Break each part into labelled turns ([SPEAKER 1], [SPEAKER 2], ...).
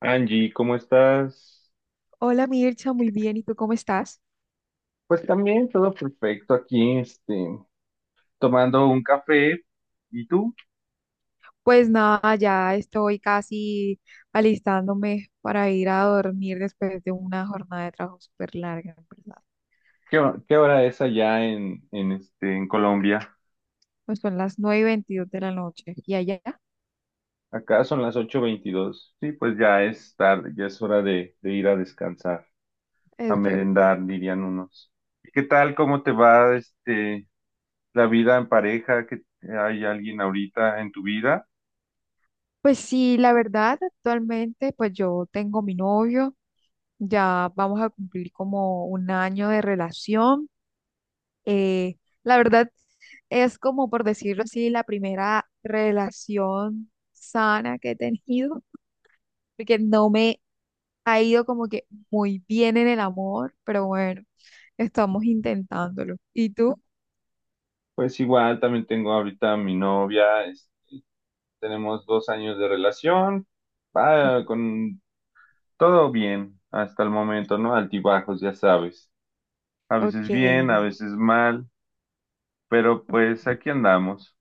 [SPEAKER 1] Angie, ¿cómo estás?
[SPEAKER 2] Hola Mircha, muy bien. ¿Y tú cómo estás?
[SPEAKER 1] Pues también todo perfecto aquí, tomando un café. ¿Y tú?
[SPEAKER 2] Pues nada, ya estoy casi alistándome para ir a dormir después de una jornada de trabajo súper larga, en verdad.
[SPEAKER 1] ¿ Qué hora es allá en Colombia?
[SPEAKER 2] Pues son las 9 y 22 de la noche y allá
[SPEAKER 1] Acá son las ocho veintidós. Sí, pues ya es tarde, ya es hora de ir a descansar, a
[SPEAKER 2] es verdad.
[SPEAKER 1] merendar, dirían unos. ¿Y qué tal? ¿Cómo te va, la vida en pareja? ¿Que hay alguien ahorita en tu vida?
[SPEAKER 2] Pues sí, la verdad, actualmente pues yo tengo mi novio, ya vamos a cumplir como un año de relación. Eh, la verdad es como por decirlo así, la primera relación sana que he tenido, porque no me ha ido como que muy bien en el amor, pero bueno, estamos intentándolo. ¿Y tú?
[SPEAKER 1] Pues igual, también tengo ahorita a mi novia. Tenemos dos años de relación,
[SPEAKER 2] Ujú.
[SPEAKER 1] va con todo bien hasta el momento, ¿no? Altibajos, ya sabes. A
[SPEAKER 2] Ok,
[SPEAKER 1] veces bien, a
[SPEAKER 2] Daniel,
[SPEAKER 1] veces mal, pero pues
[SPEAKER 2] ok.
[SPEAKER 1] aquí andamos.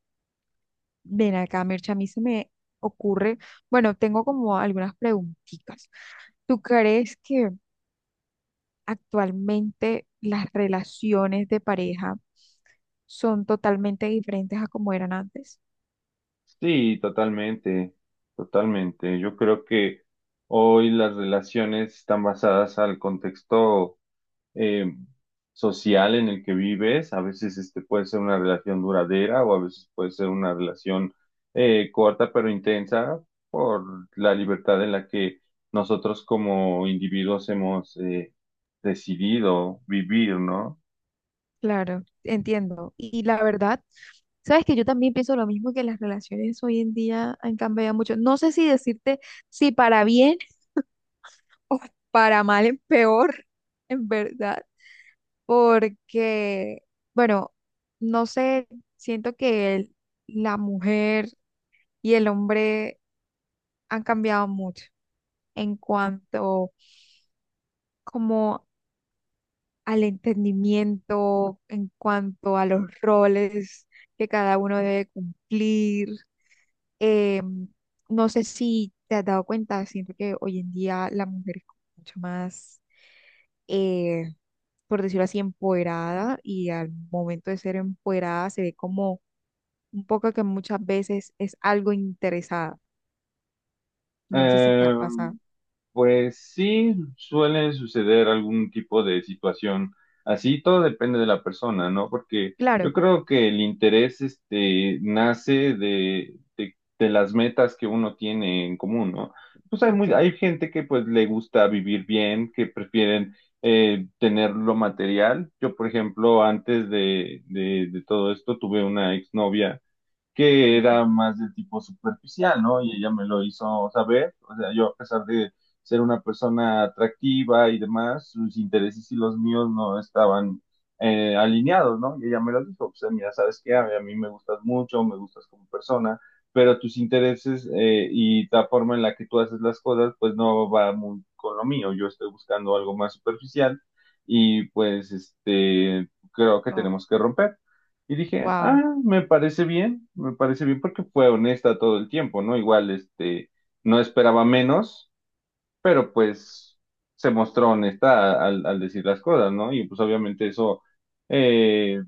[SPEAKER 2] Ven acá, Mircha, a mí se me ocurre, bueno, tengo como algunas preguntitas. ¿Tú crees que actualmente las relaciones de pareja son totalmente diferentes a como eran antes?
[SPEAKER 1] Sí, totalmente, totalmente. Yo creo que hoy las relaciones están basadas al contexto eh, social en el que vives. A veces este puede ser una relación duradera o a veces puede ser una relación corta pero intensa por la libertad en la que nosotros como individuos hemos decidido vivir, ¿no?
[SPEAKER 2] Claro, entiendo. Y la verdad, sabes que yo también pienso lo mismo, que las relaciones hoy en día han cambiado mucho. No sé si decirte si para bien o para mal es peor, en verdad, porque, bueno, no sé, siento que la mujer y el hombre han cambiado mucho en cuanto como al entendimiento, en cuanto a los roles que cada uno debe cumplir. Eh, no sé si te has dado cuenta, siento que hoy en día la mujer es como mucho más, eh, por decirlo así, empoderada, y al momento de ser empoderada se ve como un poco que muchas veces es algo interesada. No sé si te ha
[SPEAKER 1] Eh,
[SPEAKER 2] pasado.
[SPEAKER 1] Pues sí, suele suceder algún tipo de situación así, todo depende de la persona, ¿no? Porque yo
[SPEAKER 2] Claro,
[SPEAKER 1] creo que el interés este, nace de las metas que uno tiene en común, ¿no? Pues hay,
[SPEAKER 2] ok.
[SPEAKER 1] muy, hay gente que pues le gusta vivir bien, que prefieren tener lo material. Yo, por ejemplo, antes de todo esto tuve una exnovia que
[SPEAKER 2] Ujú.
[SPEAKER 1] era más de tipo superficial, ¿no? Y ella me lo hizo saber, o sea, yo a pesar de ser una persona atractiva y demás, sus intereses y los míos no estaban alineados, ¿no? Y ella me lo dijo, o sea, mira, sabes qué, a mí me gustas mucho, me gustas como persona, pero tus intereses y la forma en la que tú haces las cosas, pues no va muy con lo mío, yo estoy buscando algo más superficial y pues creo que
[SPEAKER 2] Oh,
[SPEAKER 1] tenemos que romper. Y dije,
[SPEAKER 2] wow.
[SPEAKER 1] ah, me parece bien porque fue honesta todo el tiempo, ¿no? Igual, no esperaba menos, pero pues se mostró honesta al decir las cosas, ¿no? Y pues obviamente eso, eh,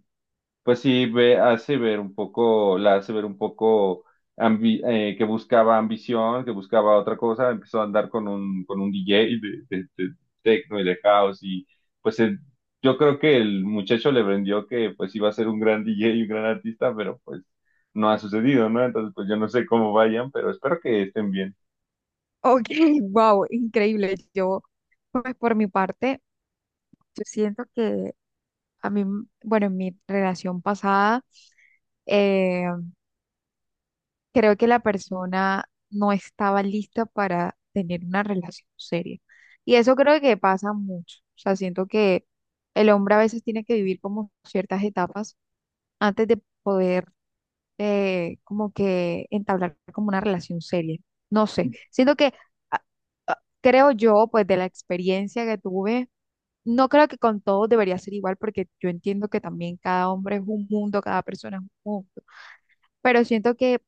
[SPEAKER 1] pues sí ve, hace ver un poco, la hace ver un poco que buscaba ambición, que buscaba otra cosa, empezó a andar con un DJ de techno y de house y pues yo creo que el muchacho le vendió que pues iba a ser un gran DJ y un gran artista, pero pues no ha sucedido, ¿no? Entonces pues yo no sé cómo vayan, pero espero que estén bien.
[SPEAKER 2] Ok, wow, increíble. Yo, pues por mi parte, yo siento que a mí, bueno, en mi relación pasada, em, creo que la persona no estaba lista para tener una relación seria. Y eso creo que pasa mucho. O sea, siento que el hombre a veces tiene que vivir como ciertas etapas antes de poder, como que entablar como una relación seria. No sé, siento que a- creo yo, pues de la experiencia que tuve, no creo que con todos debería ser igual, porque yo entiendo que también cada hombre es un mundo, cada persona es un mundo, pero siento que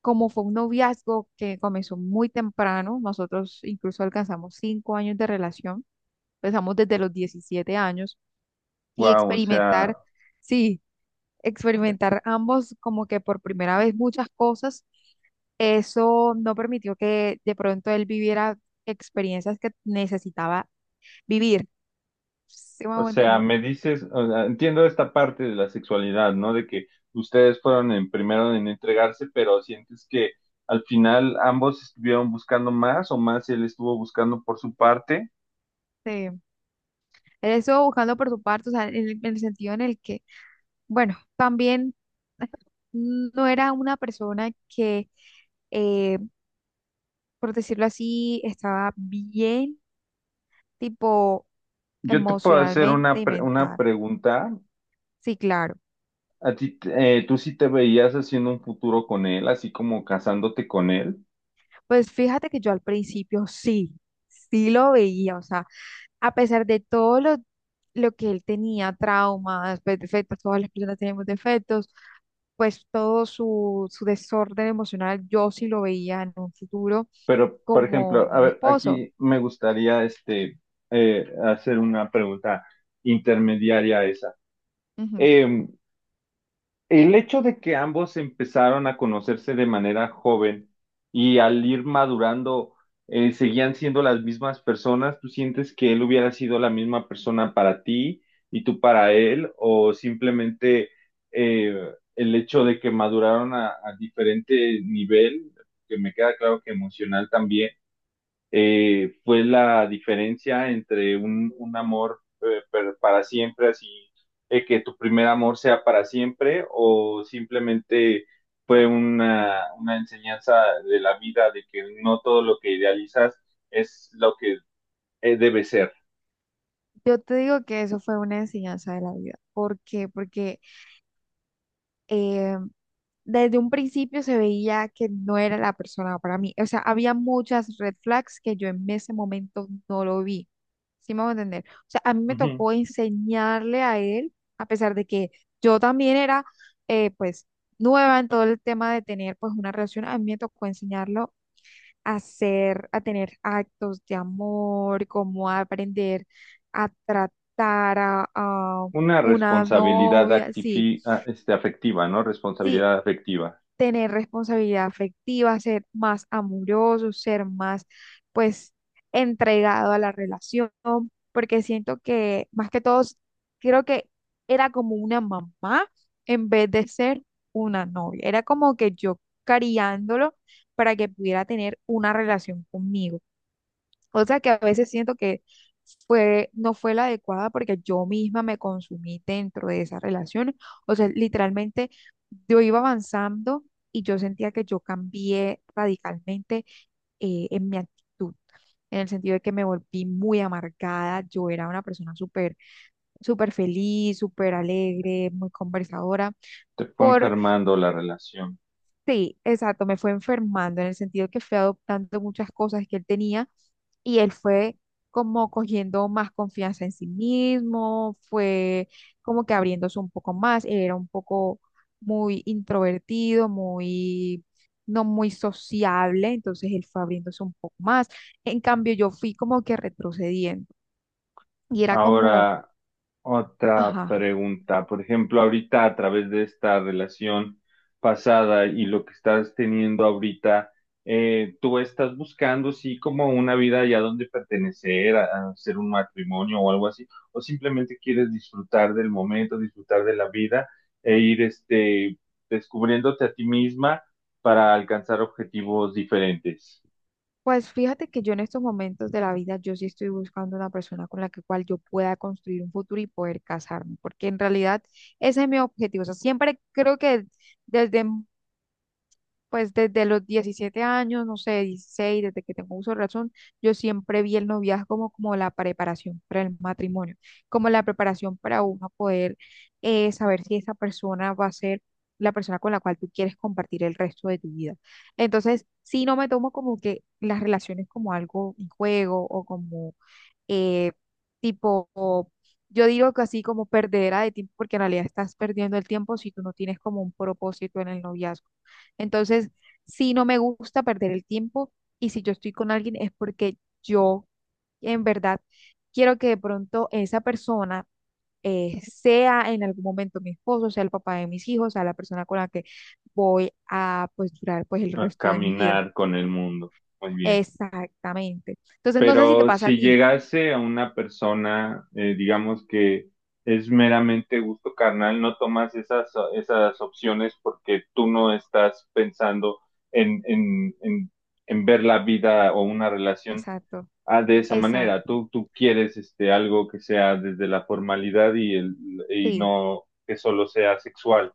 [SPEAKER 2] como fue un noviazgo que comenzó muy temprano, nosotros incluso alcanzamos 5 años de relación, empezamos desde los 17 años y
[SPEAKER 1] Wow, o
[SPEAKER 2] experimentar,
[SPEAKER 1] sea...
[SPEAKER 2] sí, experimentar ambos como que por primera vez muchas cosas, eso no permitió que de pronto él viviera experiencias que necesitaba vivir. ¿Sí me
[SPEAKER 1] O
[SPEAKER 2] hago
[SPEAKER 1] sea,
[SPEAKER 2] entender?
[SPEAKER 1] me dices, o sea, entiendo esta parte de la sexualidad, ¿no? De que ustedes fueron en primero en entregarse, pero sientes que al final ambos estuvieron buscando más o más él estuvo buscando por su parte.
[SPEAKER 2] Sí. Él estuvo buscando por su parte, o sea, en el, sentido en el que, bueno, también no era una persona que, eh, por decirlo así, estaba bien, tipo
[SPEAKER 1] Yo te puedo hacer
[SPEAKER 2] emocionalmente
[SPEAKER 1] una,
[SPEAKER 2] y
[SPEAKER 1] una
[SPEAKER 2] mental.
[SPEAKER 1] pregunta.
[SPEAKER 2] Sí, claro.
[SPEAKER 1] A ti, tú sí te veías haciendo un futuro con él, así como casándote con él.
[SPEAKER 2] Pues fíjate que yo al principio sí, sí lo veía, o sea, a pesar de todo lo que él tenía, traumas, pues, defectos, todas las personas tenemos defectos, pues todo su desorden emocional, yo sí lo veía en un futuro
[SPEAKER 1] Pero, por
[SPEAKER 2] como
[SPEAKER 1] ejemplo, a
[SPEAKER 2] mi
[SPEAKER 1] ver,
[SPEAKER 2] esposo.
[SPEAKER 1] aquí me gustaría hacer una pregunta intermediaria a esa.
[SPEAKER 2] Ujú.
[SPEAKER 1] Em, El hecho de que ambos empezaron a conocerse de manera joven y al ir madurando seguían siendo las mismas personas, ¿tú sientes que él hubiera sido la misma persona para ti y tú para él? ¿O simplemente eh, el hecho de que maduraron a diferente nivel, que me queda claro que emocional también? Fue la diferencia entre un amor para siempre, así que tu primer amor sea para siempre, o simplemente fue una enseñanza de la vida de que no todo lo que idealizas es lo que debe ser.
[SPEAKER 2] Yo te digo que eso fue una enseñanza de la vida. ¿Por qué? Porque, eh, desde un principio se veía que no era la persona para mí. O sea, había muchas red flags que yo en ese momento no lo vi. ¿Sí me voy a entender? O sea, a mí me
[SPEAKER 1] Ujú.
[SPEAKER 2] tocó enseñarle a él, a pesar de que yo también era, pues, nueva en todo el tema de tener, pues, una relación, a mí me tocó enseñarlo hacer, a tener actos de amor, cómo aprender a tratar a
[SPEAKER 1] Una
[SPEAKER 2] una
[SPEAKER 1] responsabilidad
[SPEAKER 2] novia, sí,
[SPEAKER 1] afectiva, ¿no?
[SPEAKER 2] sí,
[SPEAKER 1] Responsabilidad afectiva.
[SPEAKER 2] tener responsabilidad afectiva, ser más amoroso, ser más, pues, entregado a la relación, porque siento que más que todos, creo que era como una mamá en vez de ser una novia, era como que yo cariándolo para que pudiera tener una relación conmigo. O sea que a veces siento que fue, no fue la adecuada, porque yo misma me consumí dentro de esa relación. O sea, literalmente yo iba avanzando y yo sentía que yo cambié radicalmente en mi actitud, en el sentido de que me volví muy amargada. Yo era una persona súper, súper feliz, súper alegre, muy conversadora.
[SPEAKER 1] Te fue
[SPEAKER 2] Por,
[SPEAKER 1] enfermando la relación.
[SPEAKER 2] sí, exacto, me fue enfermando en el sentido que fui adoptando muchas cosas que él tenía, y él fue como cogiendo más confianza en sí mismo, fue como que abriéndose un poco más. Él era un poco muy introvertido, muy, no muy sociable, entonces él fue abriéndose un poco más. En cambio, yo fui como que retrocediendo y era como,
[SPEAKER 1] Ahora, otra
[SPEAKER 2] ajá.
[SPEAKER 1] pregunta, por ejemplo, ahorita a través de esta relación pasada y lo que estás teniendo ahorita, tú estás buscando sí como una vida ya donde pertenecer, a hacer un matrimonio o algo así, o simplemente quieres disfrutar del momento, disfrutar de la vida e ir descubriéndote a ti misma para alcanzar objetivos diferentes,
[SPEAKER 2] Pues fíjate que yo en estos momentos de la vida, yo sí estoy buscando una persona con la que cual yo pueda construir un futuro y poder casarme, porque en realidad ese es mi objetivo. O sea, siempre creo que desde desde los 17 años, no sé, 16, desde que tengo uso de razón, yo siempre vi el noviazgo como, la preparación para el matrimonio, como la preparación para uno poder saber si esa persona va a ser la persona con la cual tú quieres compartir el resto de tu vida. Entonces, sí, no me tomo como que las relaciones como algo, un juego o como eh, tipo, yo digo que así como perdedera de tiempo, porque en realidad estás perdiendo el tiempo si tú no tienes como un propósito en el noviazgo. Entonces, si no me gusta perder el tiempo, y si yo estoy con alguien es porque yo en verdad quiero que de pronto esa persona sea en algún momento mi esposo, sea el papá de mis hijos, sea la persona con la que voy a pues durar pues el
[SPEAKER 1] a
[SPEAKER 2] resto de mi vida.
[SPEAKER 1] caminar con el mundo. Muy bien.
[SPEAKER 2] Exactamente. Entonces no sé si te
[SPEAKER 1] Pero
[SPEAKER 2] pasa a
[SPEAKER 1] si
[SPEAKER 2] ti.
[SPEAKER 1] llegase a una persona, digamos que es meramente gusto carnal, no tomas esas, esas opciones porque tú no estás pensando en, en, en, en ver la vida o una relación
[SPEAKER 2] Exacto,
[SPEAKER 1] de esa manera.
[SPEAKER 2] exacto.
[SPEAKER 1] Tú quieres algo que sea desde la formalidad y, el, y
[SPEAKER 2] Sí,
[SPEAKER 1] no que solo sea sexual.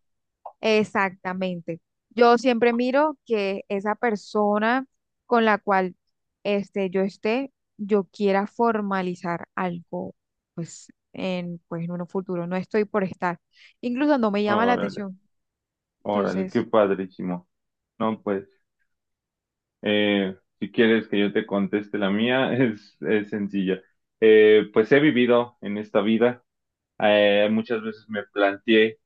[SPEAKER 2] exactamente. Yo siempre miro que esa persona con la cual, yo esté, yo quiera formalizar algo, pues en, un futuro. No estoy por estar. Incluso no me llama la
[SPEAKER 1] Órale,
[SPEAKER 2] atención.
[SPEAKER 1] órale, qué
[SPEAKER 2] Entonces, no.
[SPEAKER 1] padrísimo. No, pues. Si quieres que yo te conteste la mía, es sencilla. Pues he vivido en esta vida. Muchas veces me planteé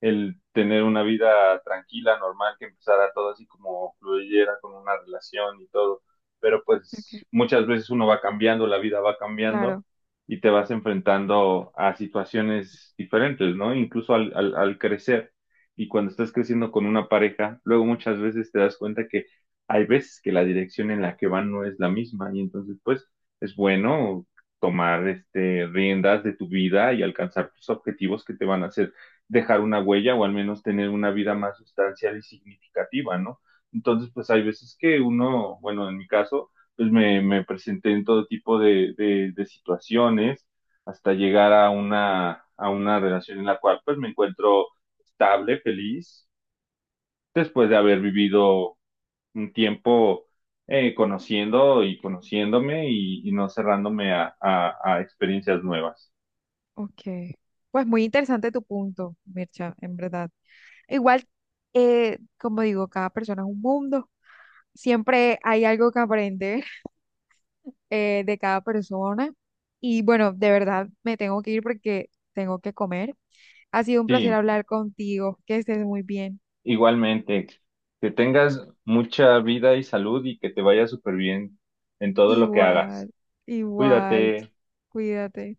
[SPEAKER 1] el tener una vida tranquila, normal, que empezara todo así como fluyera con una relación y todo. Pero
[SPEAKER 2] Ok.
[SPEAKER 1] pues muchas veces uno va cambiando, la vida va cambiando
[SPEAKER 2] Claro.
[SPEAKER 1] y te vas enfrentando a situaciones diferentes, ¿no? Incluso al crecer. Y cuando estás creciendo con una pareja, luego muchas veces te das cuenta que hay veces que la dirección en la que van no es la misma y entonces pues es bueno tomar riendas de tu vida y alcanzar tus objetivos que te van a hacer dejar una huella o al menos tener una vida más sustancial y significativa, ¿no? Entonces, pues hay veces que uno, bueno, en mi caso, pues me presenté en todo tipo de situaciones hasta llegar a una relación en la cual pues me encuentro estable, feliz, después de haber vivido un tiempo conociendo y conociéndome y no cerrándome a experiencias nuevas.
[SPEAKER 2] Ok. Pues muy interesante tu punto, Mircha, en verdad. Igual, como digo, cada persona es un mundo. Siempre hay algo que aprender de cada persona. Y bueno, de verdad me tengo que ir porque tengo que comer. Ha sido un placer
[SPEAKER 1] Sí,
[SPEAKER 2] hablar contigo. Que estés muy bien.
[SPEAKER 1] igualmente, que tengas mucha vida y salud y que te vaya súper bien en todo lo que hagas.
[SPEAKER 2] Igual, igual.
[SPEAKER 1] Cuídate.
[SPEAKER 2] Cuídate.